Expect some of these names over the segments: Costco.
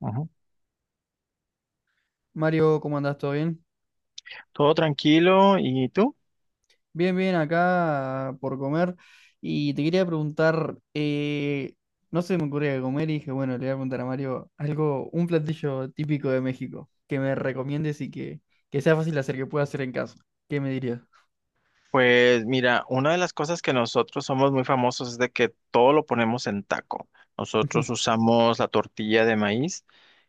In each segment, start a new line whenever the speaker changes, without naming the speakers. Ujú.
Mario, ¿cómo andás? ¿Todo bien?
Todo tranquilo. ¿Y tú?
Bien, bien, acá por comer. Y te quería preguntar, no se me ocurría comer y dije, bueno, le voy a preguntar a Mario algo, un platillo típico de México, que me recomiendes que sea fácil de hacer, que pueda hacer en casa. ¿Qué me dirías?
Pues mira, una de las cosas que nosotros somos muy famosos es de que todo lo ponemos en taco. Nosotros usamos la tortilla de maíz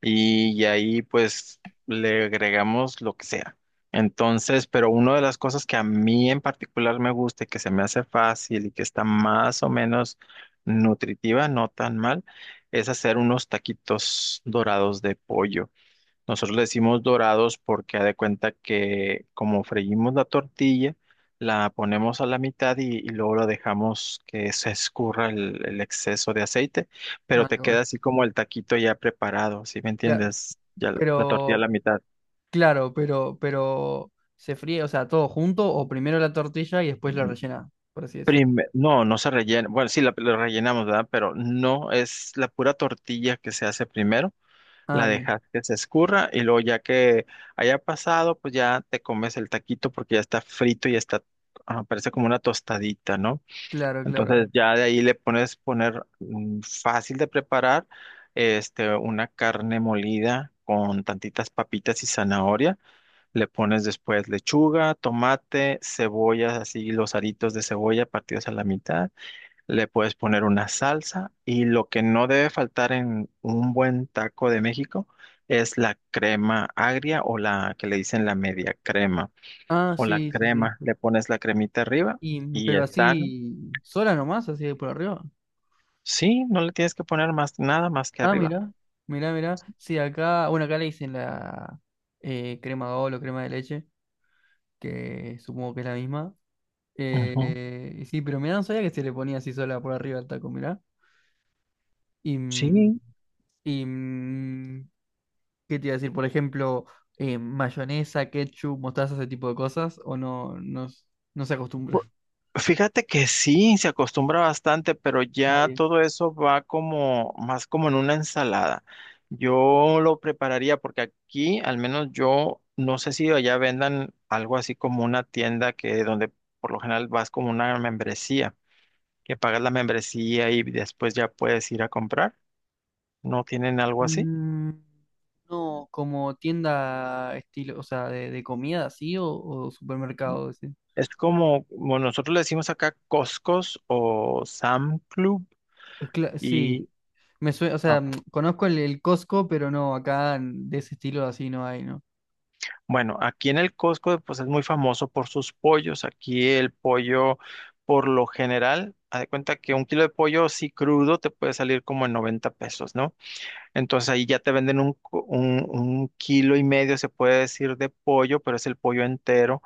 y ahí pues le agregamos lo que sea. Entonces, pero una de las cosas que a mí en particular me gusta y que se me hace fácil y que está más o menos nutritiva, no tan mal, es hacer unos taquitos dorados de pollo. Nosotros le decimos dorados porque haz de cuenta que como freímos la tortilla, la ponemos a la mitad y luego la dejamos que se escurra el exceso de aceite, pero
Ah, qué
te
bueno.
queda así como el taquito ya preparado, ¿sí me
Cla-
entiendes? Ya la
pero,
tortilla a la mitad.
claro, pero, ¿se fríe, o sea, todo junto o primero la tortilla y después la rellena, por así decirlo?
No, no se rellena. Bueno, sí, la rellenamos, ¿verdad? Pero no es la pura tortilla que se hace primero
Ah,
la
bien,
dejas que se escurra y luego ya que haya pasado, pues ya te comes el taquito porque ya está frito y está, ah, parece como una tostadita, ¿no?
claro, claro.
Entonces ya de ahí le pones poner fácil de preparar, este, una carne molida con tantitas papitas y zanahoria. Le pones después lechuga, tomate, cebolla, así los aritos de cebolla partidos a la mitad le puedes poner una salsa y lo que no debe faltar en un buen taco de México es la crema agria o la que le dicen la media crema
Ah,
o la
sí, sí, sí.
crema. Le pones la cremita arriba
Y,
y
pero
están,
así, sola nomás, así de por arriba.
sí, no le tienes que poner más nada más que
Ah,
arriba.
mira, mira, mira. Sí, acá, bueno, acá le dicen la crema de o crema de leche, que supongo que es la misma.
Ujú.
Y sí, pero mirá, no sabía que se le ponía así sola por arriba al taco, mirá. Y, mm,
Sí.
y mm, ¿Qué te iba a decir? Por ejemplo, mayonesa, ketchup, mostaza, ese tipo de cosas, o no, no, no se acostumbra.
Fíjate que sí, se acostumbra bastante, pero
Ah,
ya
bien.
todo eso va como más como en una ensalada. Yo lo prepararía porque aquí, al menos yo, no sé si allá vendan algo así como una tienda que donde por lo general vas como una membresía, que pagas la membresía y después ya puedes ir a comprar. ¿No tienen algo así?
Mm, No, como tienda estilo, o sea, de comida así o supermercado. Ese.
Es como, como nosotros le decimos acá Costcos o Sam Club
Sí,
y
me suena, o sea, conozco el Costco, pero no, acá de ese estilo así no hay, ¿no?
bueno, aquí en el Costco pues es muy famoso por sus pollos. Aquí el pollo, por lo general, haz de cuenta que un kilo de pollo así crudo te puede salir como en 90 pesos, ¿no? Entonces ahí ya te venden un kilo y medio, se puede decir, de pollo, pero es el pollo entero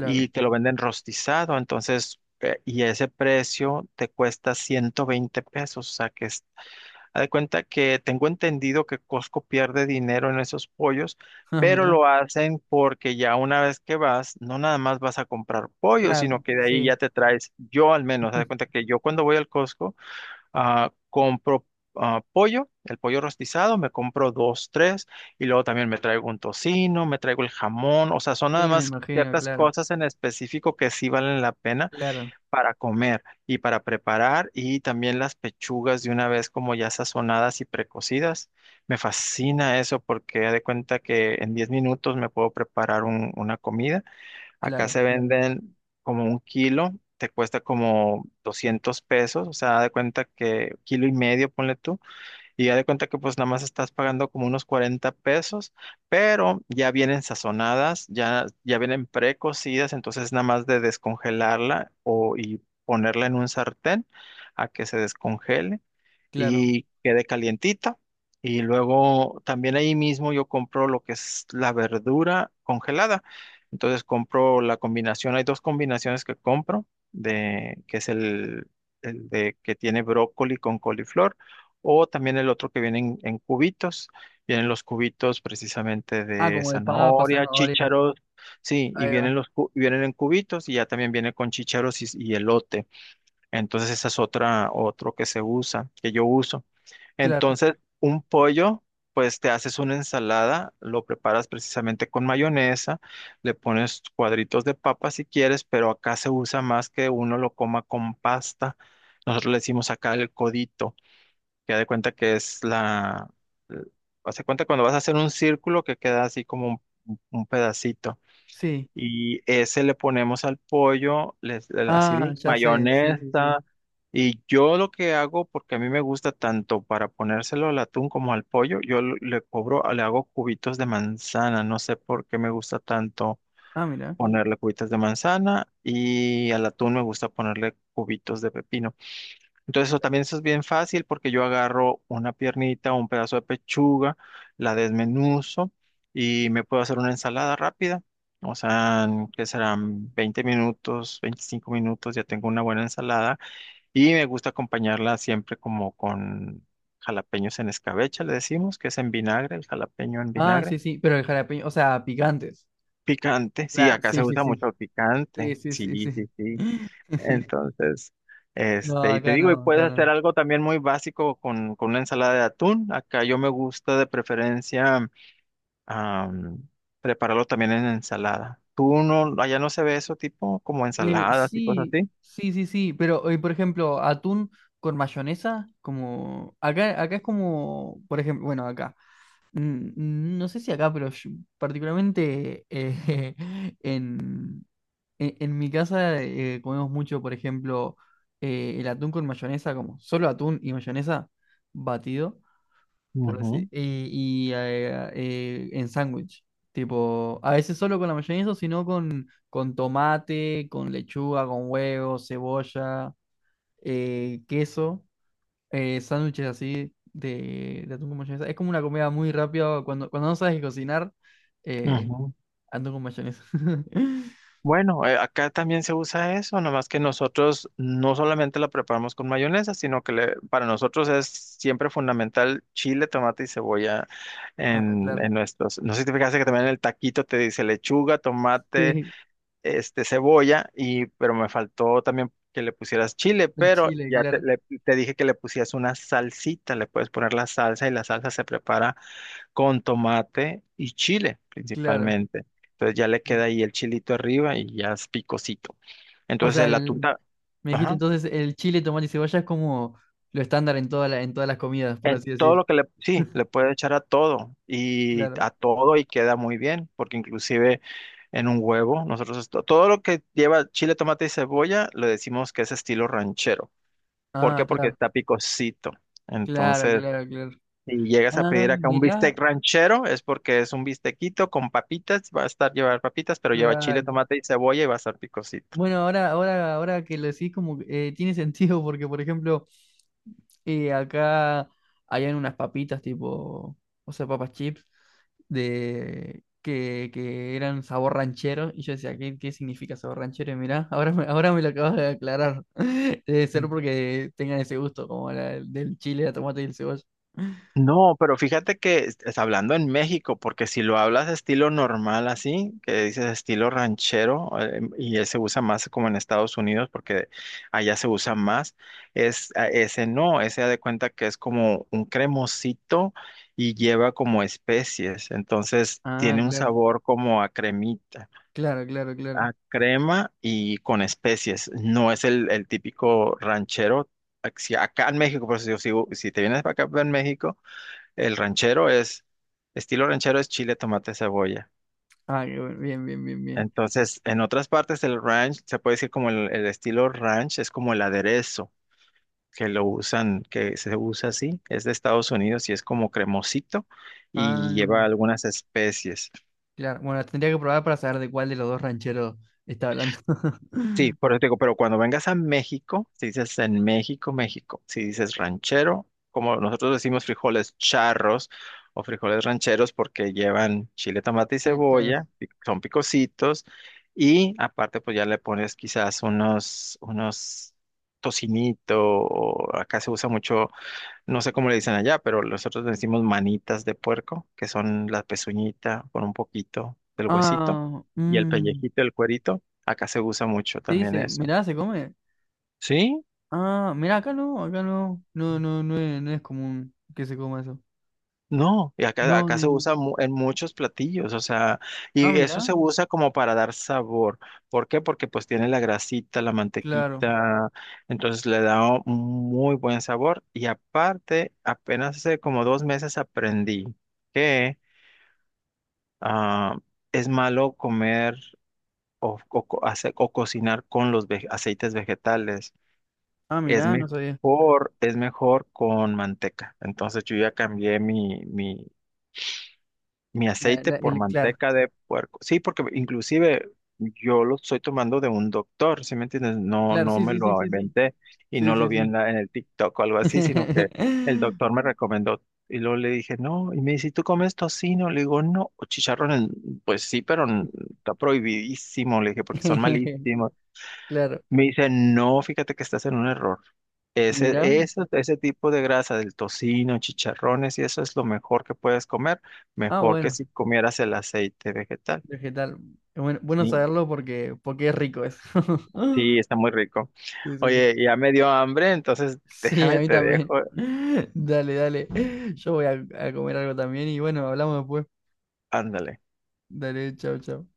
y te lo venden rostizado. Entonces, y ese precio te cuesta 120 pesos, o sea que es. Haz de cuenta que tengo entendido que Costco pierde dinero en esos pollos,
Ah,
pero
mira.
lo hacen porque ya una vez que vas, no nada más vas a comprar pollo,
Claro,
sino que de ahí
sí.
ya te traes, yo al menos, haz de cuenta que yo cuando voy al Costco, compro pollo, el pollo rostizado, me compro dos, tres, y luego también me traigo un tocino, me traigo el jamón, o sea, son nada
Sí, me
más
imagino,
ciertas
claro,
cosas en específico que sí valen la pena
claro,
para comer y para preparar y también las pechugas de una vez como ya sazonadas y precocidas. Me fascina eso porque haz de cuenta que en 10 minutos me puedo preparar una comida. Acá
claro,
se venden como un kilo, te cuesta como 200 pesos, o sea, haz de cuenta que kilo y medio, ponle tú. Y ya de cuenta que pues nada más estás pagando como unos 40 pesos, pero ya vienen sazonadas, ya vienen precocidas, entonces nada más de descongelarla y ponerla en un sartén a que se descongele
claro.
y quede calientita. Y luego también ahí mismo yo compro lo que es la verdura congelada. Entonces compro la combinación, hay dos combinaciones que compro, que es el de que tiene brócoli con coliflor, o también el otro que viene en cubitos. Vienen los cubitos precisamente
Ah,
de
como de papa,
zanahoria,
zanahoria.
chícharos, sí, y
Ahí va,
vienen los vienen en cubitos y ya también viene con chícharos y elote. Entonces esa es otra, otro que se usa, que yo uso.
claro.
Entonces, un pollo, pues te haces una ensalada, lo preparas precisamente con mayonesa, le pones cuadritos de papa si quieres, pero acá se usa más que uno lo coma con pasta. Nosotros le decimos acá el codito, que haz de cuenta que es la... eh, Haz cuenta cuando vas a hacer un círculo que queda así como un pedacito.
Sí.
Y ese le ponemos al pollo, así de
Ah, ya sé, sí, sí, sí.
mayonesa. Y yo lo que hago, porque a mí me gusta tanto para ponérselo al atún como al pollo, yo le cobro, le hago cubitos de manzana. No sé por qué me gusta tanto
Ah, mira.
ponerle cubitos de manzana y al atún me gusta ponerle cubitos de pepino. Entonces eso también eso es bien fácil porque yo agarro una piernita o un pedazo de pechuga, la desmenuzo y me puedo hacer una ensalada rápida. O sea, que serán 20 minutos, 25 minutos, ya tengo una buena ensalada y me gusta acompañarla siempre como con jalapeños en escabeche, le decimos, que es en vinagre, el jalapeño en
Ah,
vinagre.
sí, sí, pero el jalapeño, o sea, picantes.
Picante, sí,
Claro,
acá
sí,
se
sí,
usa mucho
sí.
el
Sí,
picante.
sí, sí,
Sí,
sí.
sí, sí. Entonces,
No,
este, y te
acá
digo, y
no,
puedes
acá
hacer
no.
algo también muy básico con una ensalada de atún. Acá yo me gusta de preferencia am, prepararlo también en ensalada. ¿Tú no, allá no se ve eso tipo como ensaladas y cosas
Sí,
así?
sí, sí, sí, pero por ejemplo, atún con mayonesa, como acá, acá es como, por ejemplo, bueno, acá, mm, no sé si acá, particularmente en, en mi casa comemos mucho, por ejemplo, el atún con mayonesa, como solo atún y mayonesa batido. Por
Ujú,
así, en sándwich. Tipo, a veces solo con la mayonesa, sino con tomate, con lechuga, con huevo, cebolla, queso, sándwiches así de atún con mayonesa. Es como una comida muy rápida cuando, cuando no sabes cocinar, eh,
ujú.
atún con mayonesa.
Bueno, acá también se usa eso, nomás que nosotros no solamente la preparamos con mayonesa, sino que para nosotros es siempre fundamental chile, tomate y cebolla
Ah,
en,
claro.
en nuestros. No sé si te fijaste que también en el taquito te dice lechuga, tomate,
Sí,
este, cebolla, y pero me faltó también que le pusieras chile,
el
pero
chile,
ya te,
claro,
le- te dije que le pusieras una salsita, le puedes poner la salsa y la salsa se prepara con tomate y chile
claro.
principalmente. Entonces ya le
Mm.
queda ahí el chilito arriba y ya es picosito.
O sea,
Entonces la
el-
tunta,
me dijiste
ajá,
entonces el chile, tomate y cebolla es como lo estándar en toda en todas las comidas, por
en
así
todo
decir.
lo que le, sí, le puede echar
Claro.
a todo y queda muy bien, porque inclusive en un huevo, nosotros todo lo que lleva chile, tomate y cebolla, le decimos que es estilo ranchero. ¿Por
Ah,
qué? Porque
claro.
está picosito.
Claro,
Entonces,
claro, claro.
si llegas a
Ah,
pedir acá un
mirá,
bistec ranchero, es porque es un bistequito con papitas, va a estar llevar papitas, pero lleva chile,
claro.
tomate y cebolla y va a estar picosito.
Bueno, ahora que lo decís como que, tiene sentido porque, por ejemplo, acá habían unas papitas tipo, o sea, papas chips de que eran sabor ranchero y yo decía, ¿qué, qué significa sabor ranchero? Y mirá, ahora me lo acabas de aclarar. Debe ser porque tengan ese gusto como la, del chile, la tomate y el cebolla.
No, pero fíjate que es hablando en México, porque si lo hablas estilo normal así, que dices estilo ranchero, y él se usa más como en Estados Unidos, porque allá se usa más, ese no, ese da de cuenta que es como un cremosito y lleva como especies, entonces
Ah,
tiene un
claro,
sabor como a cremita.
claro, claro, claro.
A crema y con especies. No es el típico ranchero. Si acá en México, por eso digo, si te vienes para acá en México, el ranchero es, estilo ranchero es chile, tomate, cebolla.
Ah, bien, bien, bien, bien.
Entonces, en otras partes del ranch, se puede decir como el estilo ranch, es como el aderezo que lo usan, que se usa así, es de Estados Unidos y es como cremosito y
Ah,
lleva algunas especies.
claro. Bueno, tendría que probar para saber de cuál de los dos rancheros está hablando.
Sí, por eso te digo, pero cuando vengas a México, si dices en México, México, si dices ranchero, como nosotros decimos frijoles charros o frijoles rancheros porque llevan chile, tomate y
Entonces,
cebolla, son picositos y aparte pues ya le pones quizás unos tocinito o acá se usa mucho no sé cómo le dicen allá, pero nosotros le decimos manitas de puerco, que son la pezuñita con un poquito del huesito
ah,
y el
mm,
pellejito, el cuerito. Acá se usa mucho
sí,
también
se,
eso.
mirá, se come.
¿Sí?
Ah, mirá, acá no, acá no. No, no no es, no es común que se coma eso.
No, y acá,
No,
acá
no,
se
no.
usa en muchos platillos, o sea,
Ah,
y eso
mirá,
se usa como para dar sabor. ¿Por qué? Porque pues tiene la grasita, la
claro.
mantequita, entonces le da un muy buen sabor. Y aparte, apenas hace como 2 meses aprendí que ah, es malo comer o cocinar con los aceites vegetales.
Ah, mirá, no sabía.
Es mejor con manteca. Entonces yo ya cambié mi aceite por
Claro,
manteca de puerco. Sí, porque inclusive yo lo estoy tomando de un doctor, ¿sí me entiendes? No,
claro,
no
sí,
me
sí, sí,
lo
sí, sí.
inventé y
Sí,
no lo
sí,
vi en
sí.
la, en el TikTok o algo así, sino que el doctor me recomendó. Y luego le dije, no, y me dice, ¿y tú comes tocino? Le digo, no, o chicharrón, pues sí, pero está prohibidísimo, le dije, porque son malísimos.
Claro,
Me dicen, no, fíjate que estás en un error. Ese,
mirá.
eso- ese tipo de grasa del tocino, chicharrones y eso es lo mejor que puedes comer,
Ah,
mejor que
bueno.
si comieras el aceite vegetal.
Vegetal. Bueno, bueno
Sí,
saberlo porque, porque es rico eso.
sí, está muy rico.
Sí, sí, sí.
Oye, ya me dio hambre, entonces
Sí, a
déjame
mí
te
también.
dejo.
Dale, dale. Yo voy a comer algo también y bueno, hablamos después.
Ándale.
Dale, chao, chao.